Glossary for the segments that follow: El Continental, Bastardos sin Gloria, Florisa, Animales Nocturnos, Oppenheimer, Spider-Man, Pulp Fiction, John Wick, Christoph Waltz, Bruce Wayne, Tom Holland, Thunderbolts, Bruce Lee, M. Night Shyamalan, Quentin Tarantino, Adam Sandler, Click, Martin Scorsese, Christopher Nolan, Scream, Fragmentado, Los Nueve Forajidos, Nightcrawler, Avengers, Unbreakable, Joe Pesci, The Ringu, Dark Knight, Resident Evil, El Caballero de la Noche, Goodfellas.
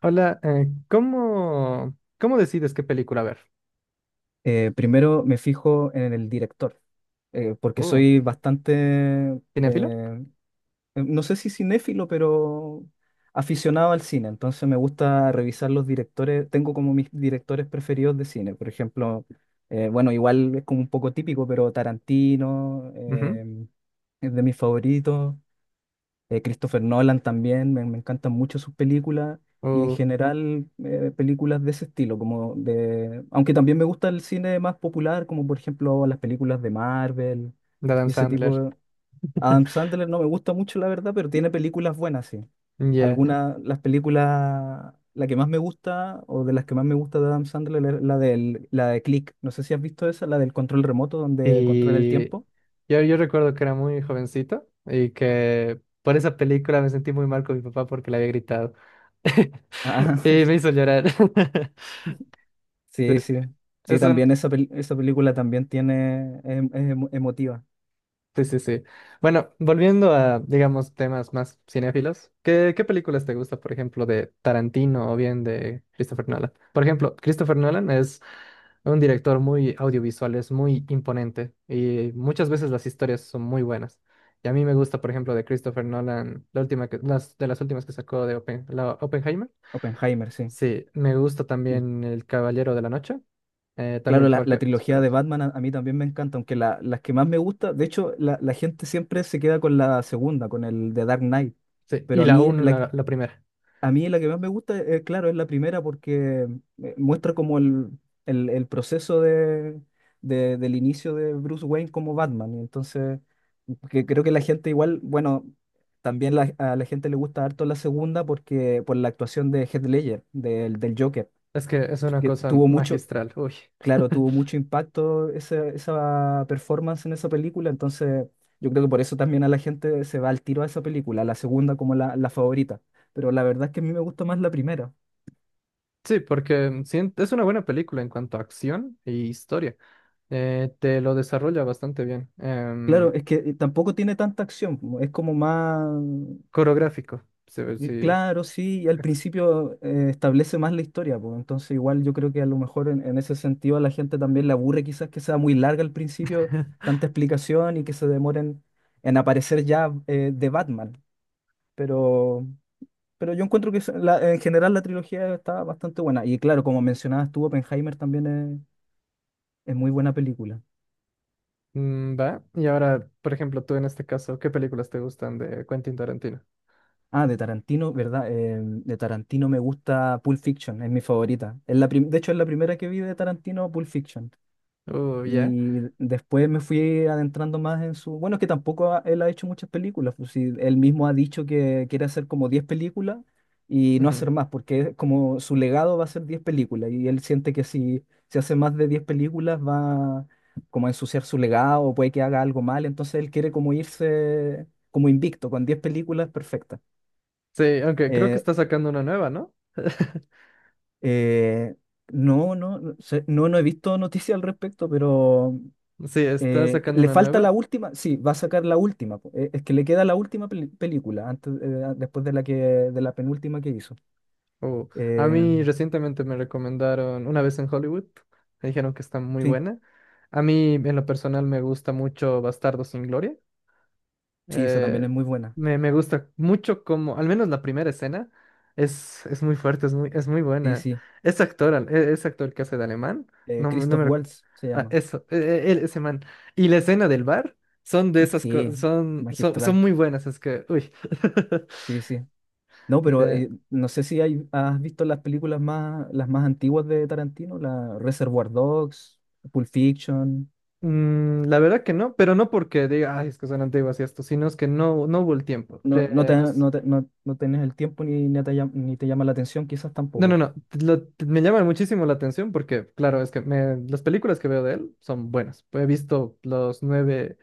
Hola, ¿cómo decides qué película ver? Primero me fijo en el director, porque Uh, soy bastante, eh, ¿Cinéfilo? eh, no sé si cinéfilo, pero aficionado al cine. Entonces me gusta revisar los directores, tengo como mis directores preferidos de cine. Por ejemplo, bueno, igual es como un poco típico, pero Tarantino Ujú. Es de mis favoritos. Christopher Nolan también, me encantan mucho sus películas y en Uh, general películas de ese estilo, como de, aunque también me gusta el cine más popular, como por ejemplo las películas de Marvel de Adam y ese tipo Sandler. de... Adam Sandler no me gusta mucho, la verdad, pero tiene películas buenas, sí. Ya. Algunas, las películas, la que más me gusta o de las que más me gusta de Adam Sandler es la, del, la de Click. No sé si has visto esa, la del control remoto donde controla el Y tiempo. yo recuerdo que era muy jovencito y que por esa película me sentí muy mal con mi papá porque le había gritado. Y me hizo llorar. Sí, Sí, sí. sí. Sí, Es un- también esa, esa película también tiene, es, es emotiva. Sí, sí, sí. Bueno, volviendo a, digamos, temas más cinéfilos, ¿qué películas te gusta, por ejemplo, de Tarantino o bien de Christopher Nolan? Por ejemplo, Christopher Nolan es un director muy audiovisual, es muy imponente y muchas veces las historias son muy buenas. Y a mí me gusta, por ejemplo, de Christopher Nolan, las, de las últimas que sacó de la Oppenheimer. Oppenheimer, sí. Sí, me gusta Y también El Caballero de la Noche, claro, también la porque, pues, trilogía de esperar, Batman a mí también me encanta, aunque las que más me gusta, de hecho, la gente siempre se queda con la segunda, con el de Dark Knight, sí, pero y la 1, la primera. a mí la que más me gusta, claro, es la primera porque muestra como el proceso del inicio de Bruce Wayne como Batman. Y entonces, que creo que la gente igual, bueno, también a la gente le gusta harto la segunda porque por la actuación de Heath Ledger, del Joker, Es que es una que cosa tuvo mucho. magistral, uy. Claro, tuvo mucho impacto esa performance en esa película, entonces yo creo que por eso también a la gente se va al tiro a esa película, a la segunda como la favorita, pero la verdad es que a mí me gusta más la primera. Sí, porque es una buena película en cuanto a acción e historia. Te lo desarrolla bastante bien. Claro, es que tampoco tiene tanta acción, es como más, Coreográfico, se ve, sí. claro, sí, y al principio establece más la historia, pues, entonces igual yo creo que a lo mejor en ese sentido a la gente también le aburre quizás que sea muy larga al principio, tanta explicación y que se demoren en aparecer ya de Batman, pero... Pero yo encuentro que en general la trilogía está bastante buena. Y claro, como mencionabas tú, Oppenheimer también es muy buena película. Va. Y ahora, por ejemplo, tú en este caso, ¿qué películas te gustan de Quentin Tarantino? Ah, de Tarantino, ¿verdad? De Tarantino me gusta Pulp Fiction, es mi favorita. Es de hecho, es la primera que vi de Tarantino, Pulp Fiction. Oh, ya. Y después me fui adentrando más en su... Bueno, es que tampoco él ha hecho muchas películas. Pues sí, él mismo ha dicho que quiere hacer como 10 películas y no Ujú. hacer más, porque es como su legado va a ser 10 películas. Y él siente que si hace más de 10 películas va como a ensuciar su legado, puede que haga algo mal. Entonces él quiere como irse como invicto, con 10 películas perfectas. Sí, aunque creo que Eh, está sacando una nueva, ¿no? eh, no, no, no he visto noticias al respecto, pero... Sí, está sacando ¿le una falta la nueva. última? Sí, va a sacar la última. Po. Es que le queda la última película antes, después de la que, de la penúltima que hizo. Oh, a Eh, mí recientemente me recomendaron una vez en Hollywood, me dijeron que está muy sí, buena. A mí en lo personal me gusta mucho Bastardos sin Gloria. sí, esa también eh, es muy buena. me gusta mucho como, al menos la primera escena, es muy fuerte, es muy Sí, buena. sí. Ese actor, ese actor que hace de alemán, no, no Christoph me... Waltz se ah, llama. eso, él, ese man. Y la escena del bar son de esas Sí, cosas, son magistral. muy buenas, es que, uy. Sí, sí. No, pero no sé si hay, has visto las películas más, las más antiguas de Tarantino, la Reservoir Dogs, Pulp Fiction. Mm, la verdad que no, pero no porque diga, ay, es que son antiguas y esto, sino es que no, no hubo el tiempo. No, no, te, no, te- no, no tenés el tiempo ni te, ni te llama la atención, quizás No, no, tampoco. no, me llama muchísimo la atención porque, claro, es que las películas que veo de él son buenas. He visto Los Nueve,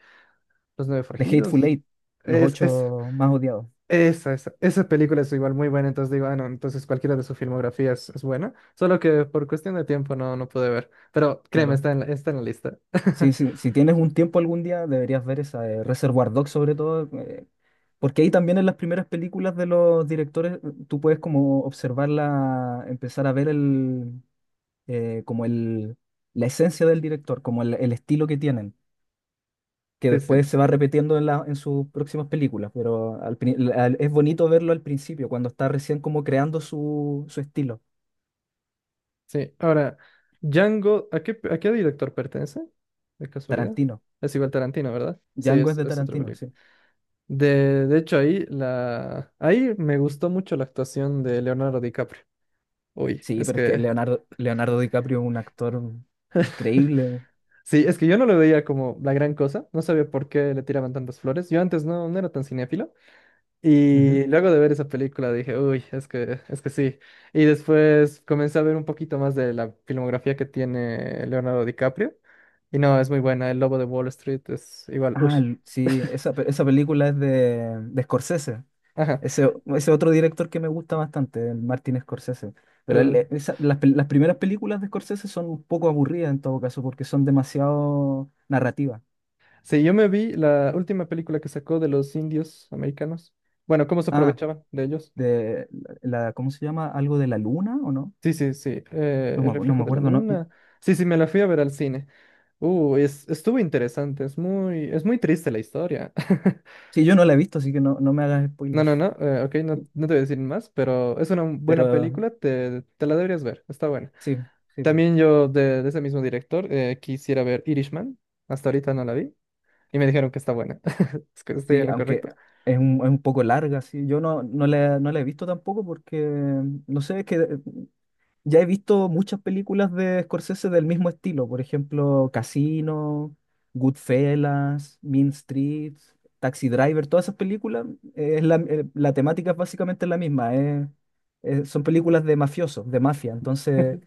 Los Nueve The Hateful Forajidos. Eight, los Es, es, ocho más odiados, esa, esa película es igual muy buena, entonces digo, ah, no, entonces cualquiera de su filmografía es buena, solo que por cuestión de tiempo no, no pude ver, pero créeme, claro. Está en la lista. Sí, sí, si tienes un tiempo algún día, deberías ver esa de Reservoir Dogs sobre todo, porque ahí también en las primeras películas de los directores tú puedes como observarla, empezar a ver como la esencia del director, como el estilo que tienen, que Sí, después sí. se va repitiendo en, en sus próximas películas, pero es bonito verlo al principio, cuando está recién como creando su estilo. Sí, ahora, Django, ¿a qué director pertenece? De casualidad. Tarantino. Es igual Tarantino, ¿verdad? Sí, Django es es, de es otra Tarantino, película. sí. De hecho, ahí, la, ahí me gustó mucho la actuación de Leonardo DiCaprio. Uy, Sí, es pero es que que... Leonardo DiCaprio es un actor increíble. Sí, es que yo no lo veía como la gran cosa. No sabía por qué le tiraban tantas flores. Yo antes no, no era tan cinéfilo. Ujú. Y luego de ver esa película dije, uy, es que sí. Y después comencé a ver un poquito más de la filmografía que tiene Leonardo DiCaprio. Y no, es muy buena. El Lobo de Wall Street es igual, uy. Ah, sí, esa, esa película es de Scorsese. Ajá. Ese otro director que me gusta bastante, el Martin Scorsese. Pero él, uh, las, las primeras películas de Scorsese son un poco aburridas en todo caso, porque son demasiado narrativas. sí, yo me vi la última película que sacó de los indios americanos. Bueno, cómo se Ah, aprovechaban de ellos. de la, ¿cómo se llama? ¿Algo de la luna o no? Sí, sí, sí. El No me reflejo de la acuerdo. No, luna. Sí, sí, me la fui a ver al cine. Es, estuvo interesante. Es muy triste la historia. sí, yo no la he visto, así que no, no me hagas No, spoiler. no, no, ok, no, no te voy a decir más, pero es una buena Pero película, te la deberías ver, está buena. sí, sí. También yo de ese mismo director quisiera ver Irishman, hasta ahorita no la vi y me dijeron que está buena. Es que estoy Sí, en lo aunque correcto. Es un poco larga, sí. Yo no, no la he visto tampoco porque, no sé, es que ya he visto muchas películas de Scorsese del mismo estilo. Por ejemplo, Casino, Goodfellas, Mean Streets, Taxi Driver, todas esas películas, la temática es básicamente la misma. Son películas de mafiosos, de mafia. Entonces,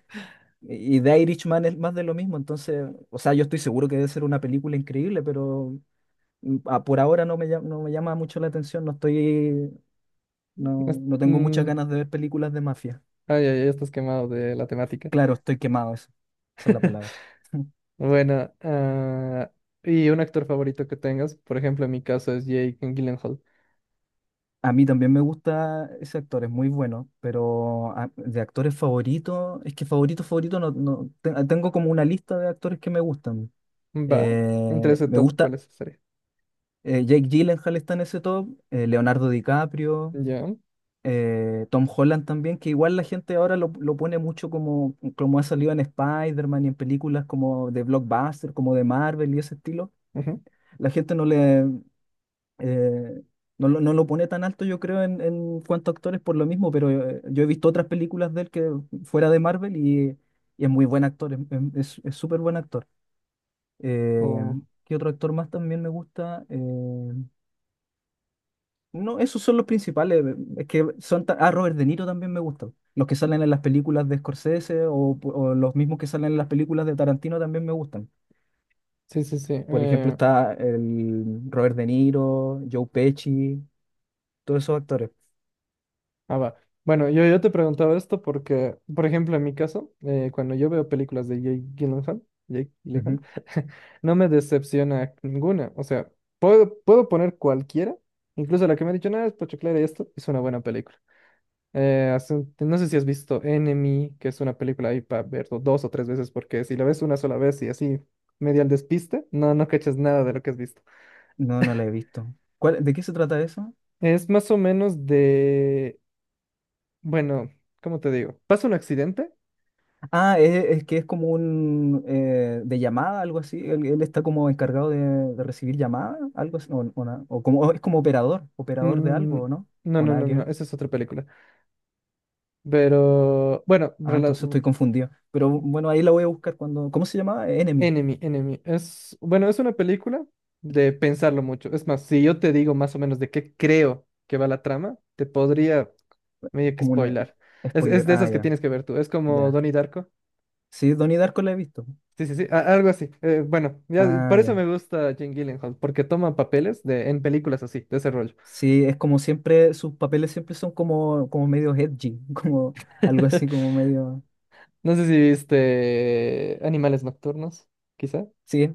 y The Irishman es más de lo mismo. Entonces, o sea, yo estoy seguro que debe ser una película increíble, pero... Mm, ah, por ahora no me llama, no me llama mucho la atención, no estoy, no, Es- no tengo muchas mm, ganas de ver películas de mafia. Ay, ay, ay, estás quemado de la temática. Claro, estoy quemado, eso, esa es la palabra. Bueno, ah, y un actor favorito que tengas, por ejemplo, en mi caso es Jake Gyllenhaal. A mí también me gusta ese actor, es muy bueno, pero de actores favoritos, es que favorito, favorito, no, tengo como una lista de actores que me gustan. Va, entre ese Me top, ¿cuál gusta, es sería? Jake Gyllenhaal está en ese top, Leonardo DiCaprio, Ya. Tom Holland también, que igual la gente ahora lo pone mucho como, como ha salido en Spider-Man y en películas como de blockbuster, como de Marvel y ese estilo. Ujú. La gente no le eh, no, lo no lo pone tan alto, yo creo, en cuanto a actores por lo mismo, pero yo he visto otras películas de él que fuera de Marvel y es muy buen actor, es súper buen actor. Eh, Oh, ¿Qué otro actor más también me gusta? No, esos son los principales. Es que son Robert De Niro también me gusta. Los que salen en las películas de Scorsese o los mismos que salen en las películas de Tarantino también me gustan. sí, sí, sí. Por ejemplo, está el Robert De Niro, Joe Pesci, todos esos actores. Ah, va. Bueno, yo te preguntaba esto porque, por ejemplo, en mi caso, cuando yo veo películas de Jake Gyllenhaal, Jake Gyllenhaal, Ujú. no me decepciona ninguna. O sea, puedo poner cualquiera, incluso la que me ha dicho, nada, es pochoclera y esto, es una buena película. No sé si has visto Enemy, que es una película ahí para ver dos o tres veces, porque si la ves una sola vez y así medio al despiste, no cachas nada de lo que has visto. No, no la he visto. ¿Cuál, de qué se trata eso? Es más o menos de, bueno, ¿cómo te digo? Pasa un accidente. Ah, es que es como un de llamada, algo así. Él está como encargado de recibir llamadas, algo así. O, o como, o es como operador, operador de Mm, algo, ¿o ¿no? no, O no, nada no, que no, ver. esa es otra película. Pero, bueno, Ah, entonces estoy confundido. Pero bueno, ahí la voy a buscar cuando. ¿Cómo se llamaba? Enemy. Enemy, Enemy. Es, bueno, es una película de pensarlo mucho. Es más, si yo te digo más o menos de qué creo que va la trama, te podría Es medio que como una spoilar. Spoiler. Es de Ah, esas que tienes que ver tú. Es como ya. Donnie Darko. Sí, Donnie Darko la he visto. Sí, sí, sí, algo así. Bueno, ya, Ah, por eso ya. me gusta Jane Gyllenhaal, porque toma papeles de, en películas así, de ese rollo. Sí, es como siempre, sus papeles siempre son como, como medio edgy, como algo así, como medio. No sé si viste Animales Nocturnos, quizá. Sí.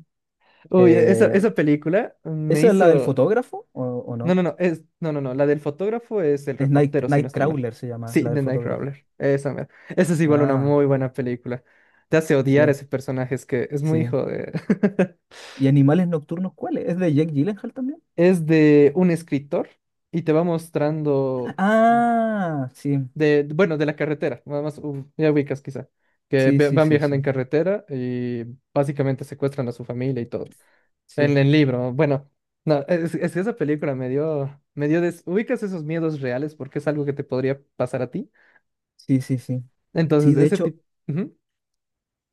Uy, esa, eh, esa película me ¿esa es la del hizo. fotógrafo o No, no? no, no, es... no, no, no. La del fotógrafo es el Es reportero, si no estoy mal. Nightcrawler se llama, Sí, la del The fotógrafo. Nightcrawler. Esa, mera. Esa es igual una Ah, muy buena película. Te hace odiar a sí, ese personaje, es que es muy sí. hijo de. ¿Y Animales Nocturnos cuál es? ¿Es de Jake Gyllenhaal también? Es de un escritor y te va mostrando Ah, sí, de, bueno, de la carretera, nada más ya ubicas quizá, que sí, sí, van sí, viajando en sí. carretera y básicamente secuestran a su familia y todo. Sí, El libro, bueno, no, es que esa película me dio, ubicas esos miedos reales porque es algo que te podría pasar a ti. Sí, sí, sí. Sí, Entonces, de ese hecho, tipo,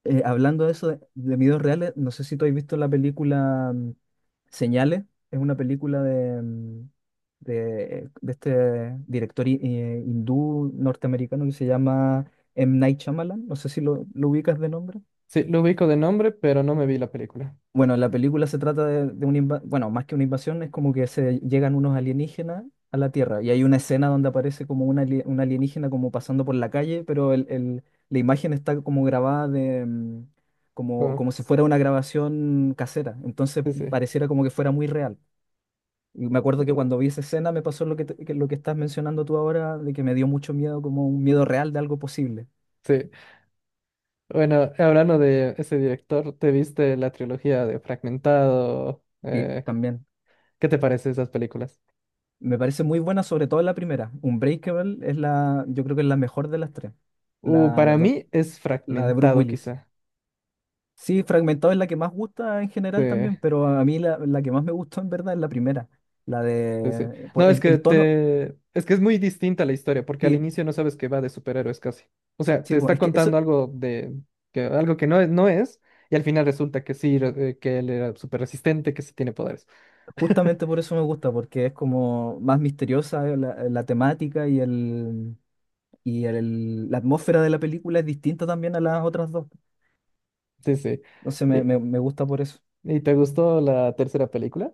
hablando de eso, de videos reales, no sé si tú has visto la película Señales, es una película de, de este director hindú norteamericano que se llama M. Night Shyamalan, no sé si lo ubicas de nombre. sí, lo ubico de nombre, pero no me vi la película. Bueno, la película se trata de una invasión, bueno, más que una invasión, es como que se llegan unos alienígenas a la Tierra y hay una escena donde aparece como un alienígena como pasando por la calle, pero la imagen está como grabada de, como, Co- como si fuera una grabación casera, entonces Sí, sí. pareciera como que fuera muy real. Y me acuerdo que Uh, cuando vi esa escena me pasó lo que, que lo que estás mencionando tú ahora, de que me dio mucho miedo, como un miedo real de algo posible. sí. Bueno, hablando de ese director, ¿te viste la trilogía de Fragmentado? Sí, también. ¿Qué te parece esas películas? Me parece muy buena, sobre todo la primera. Unbreakable es la, yo creo que es la mejor de las tres. La, la, Para don- mí es la de Bruce Fragmentado, Willis. quizá. Sí, Fragmentado es la que más gusta en general Sí. también, pero a mí la que más me gustó en verdad es la primera. La Sí, sí. de, por No, es que el tono, te... es que es muy distinta la historia, porque al sí, inicio no sabes que va de superhéroes casi. O sea, te sí, po, está es que contando eso, algo de que algo que no es, no es, y al final resulta que sí, que él era súper resistente, que sí tiene poderes. justamente por eso me gusta, porque es como más misteriosa la temática y la atmósfera de la película es distinta también a las otras dos. Sí, sí. Entonces me, ¿Y, me gusta por eso. y te gustó la tercera película?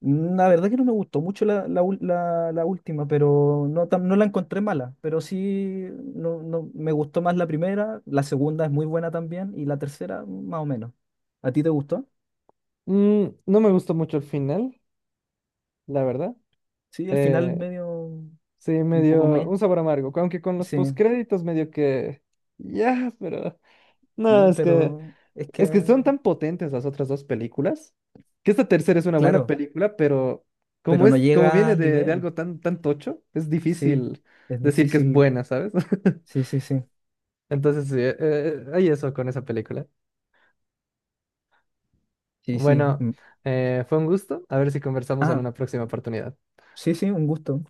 La verdad que no me gustó mucho la última, pero no, no la encontré mala, pero sí no, no, me gustó más la primera, la segunda es muy buena también y la tercera más o menos. ¿A ti te gustó? Mm, no me gustó mucho el final, la verdad. Sí, el final Eh, medio sí, me un poco dio meh, un sabor amargo, aunque con los sí, postcréditos medio que... Ya, pero... No, mm, es que... pero es que, Es que son tan potentes las otras dos películas, que esta tercera es una buena claro, película, pero como pero no es, como llega viene al de nivel, algo tan, tan tocho, es sí, difícil es decir que es difícil, buena, ¿sabes? sí, sí, sí, Entonces, sí, hay eso con esa película. sí, sí. Bueno, Mm. Fue un gusto. A ver si conversamos en Ah, una próxima oportunidad. sí, sí, un gusto.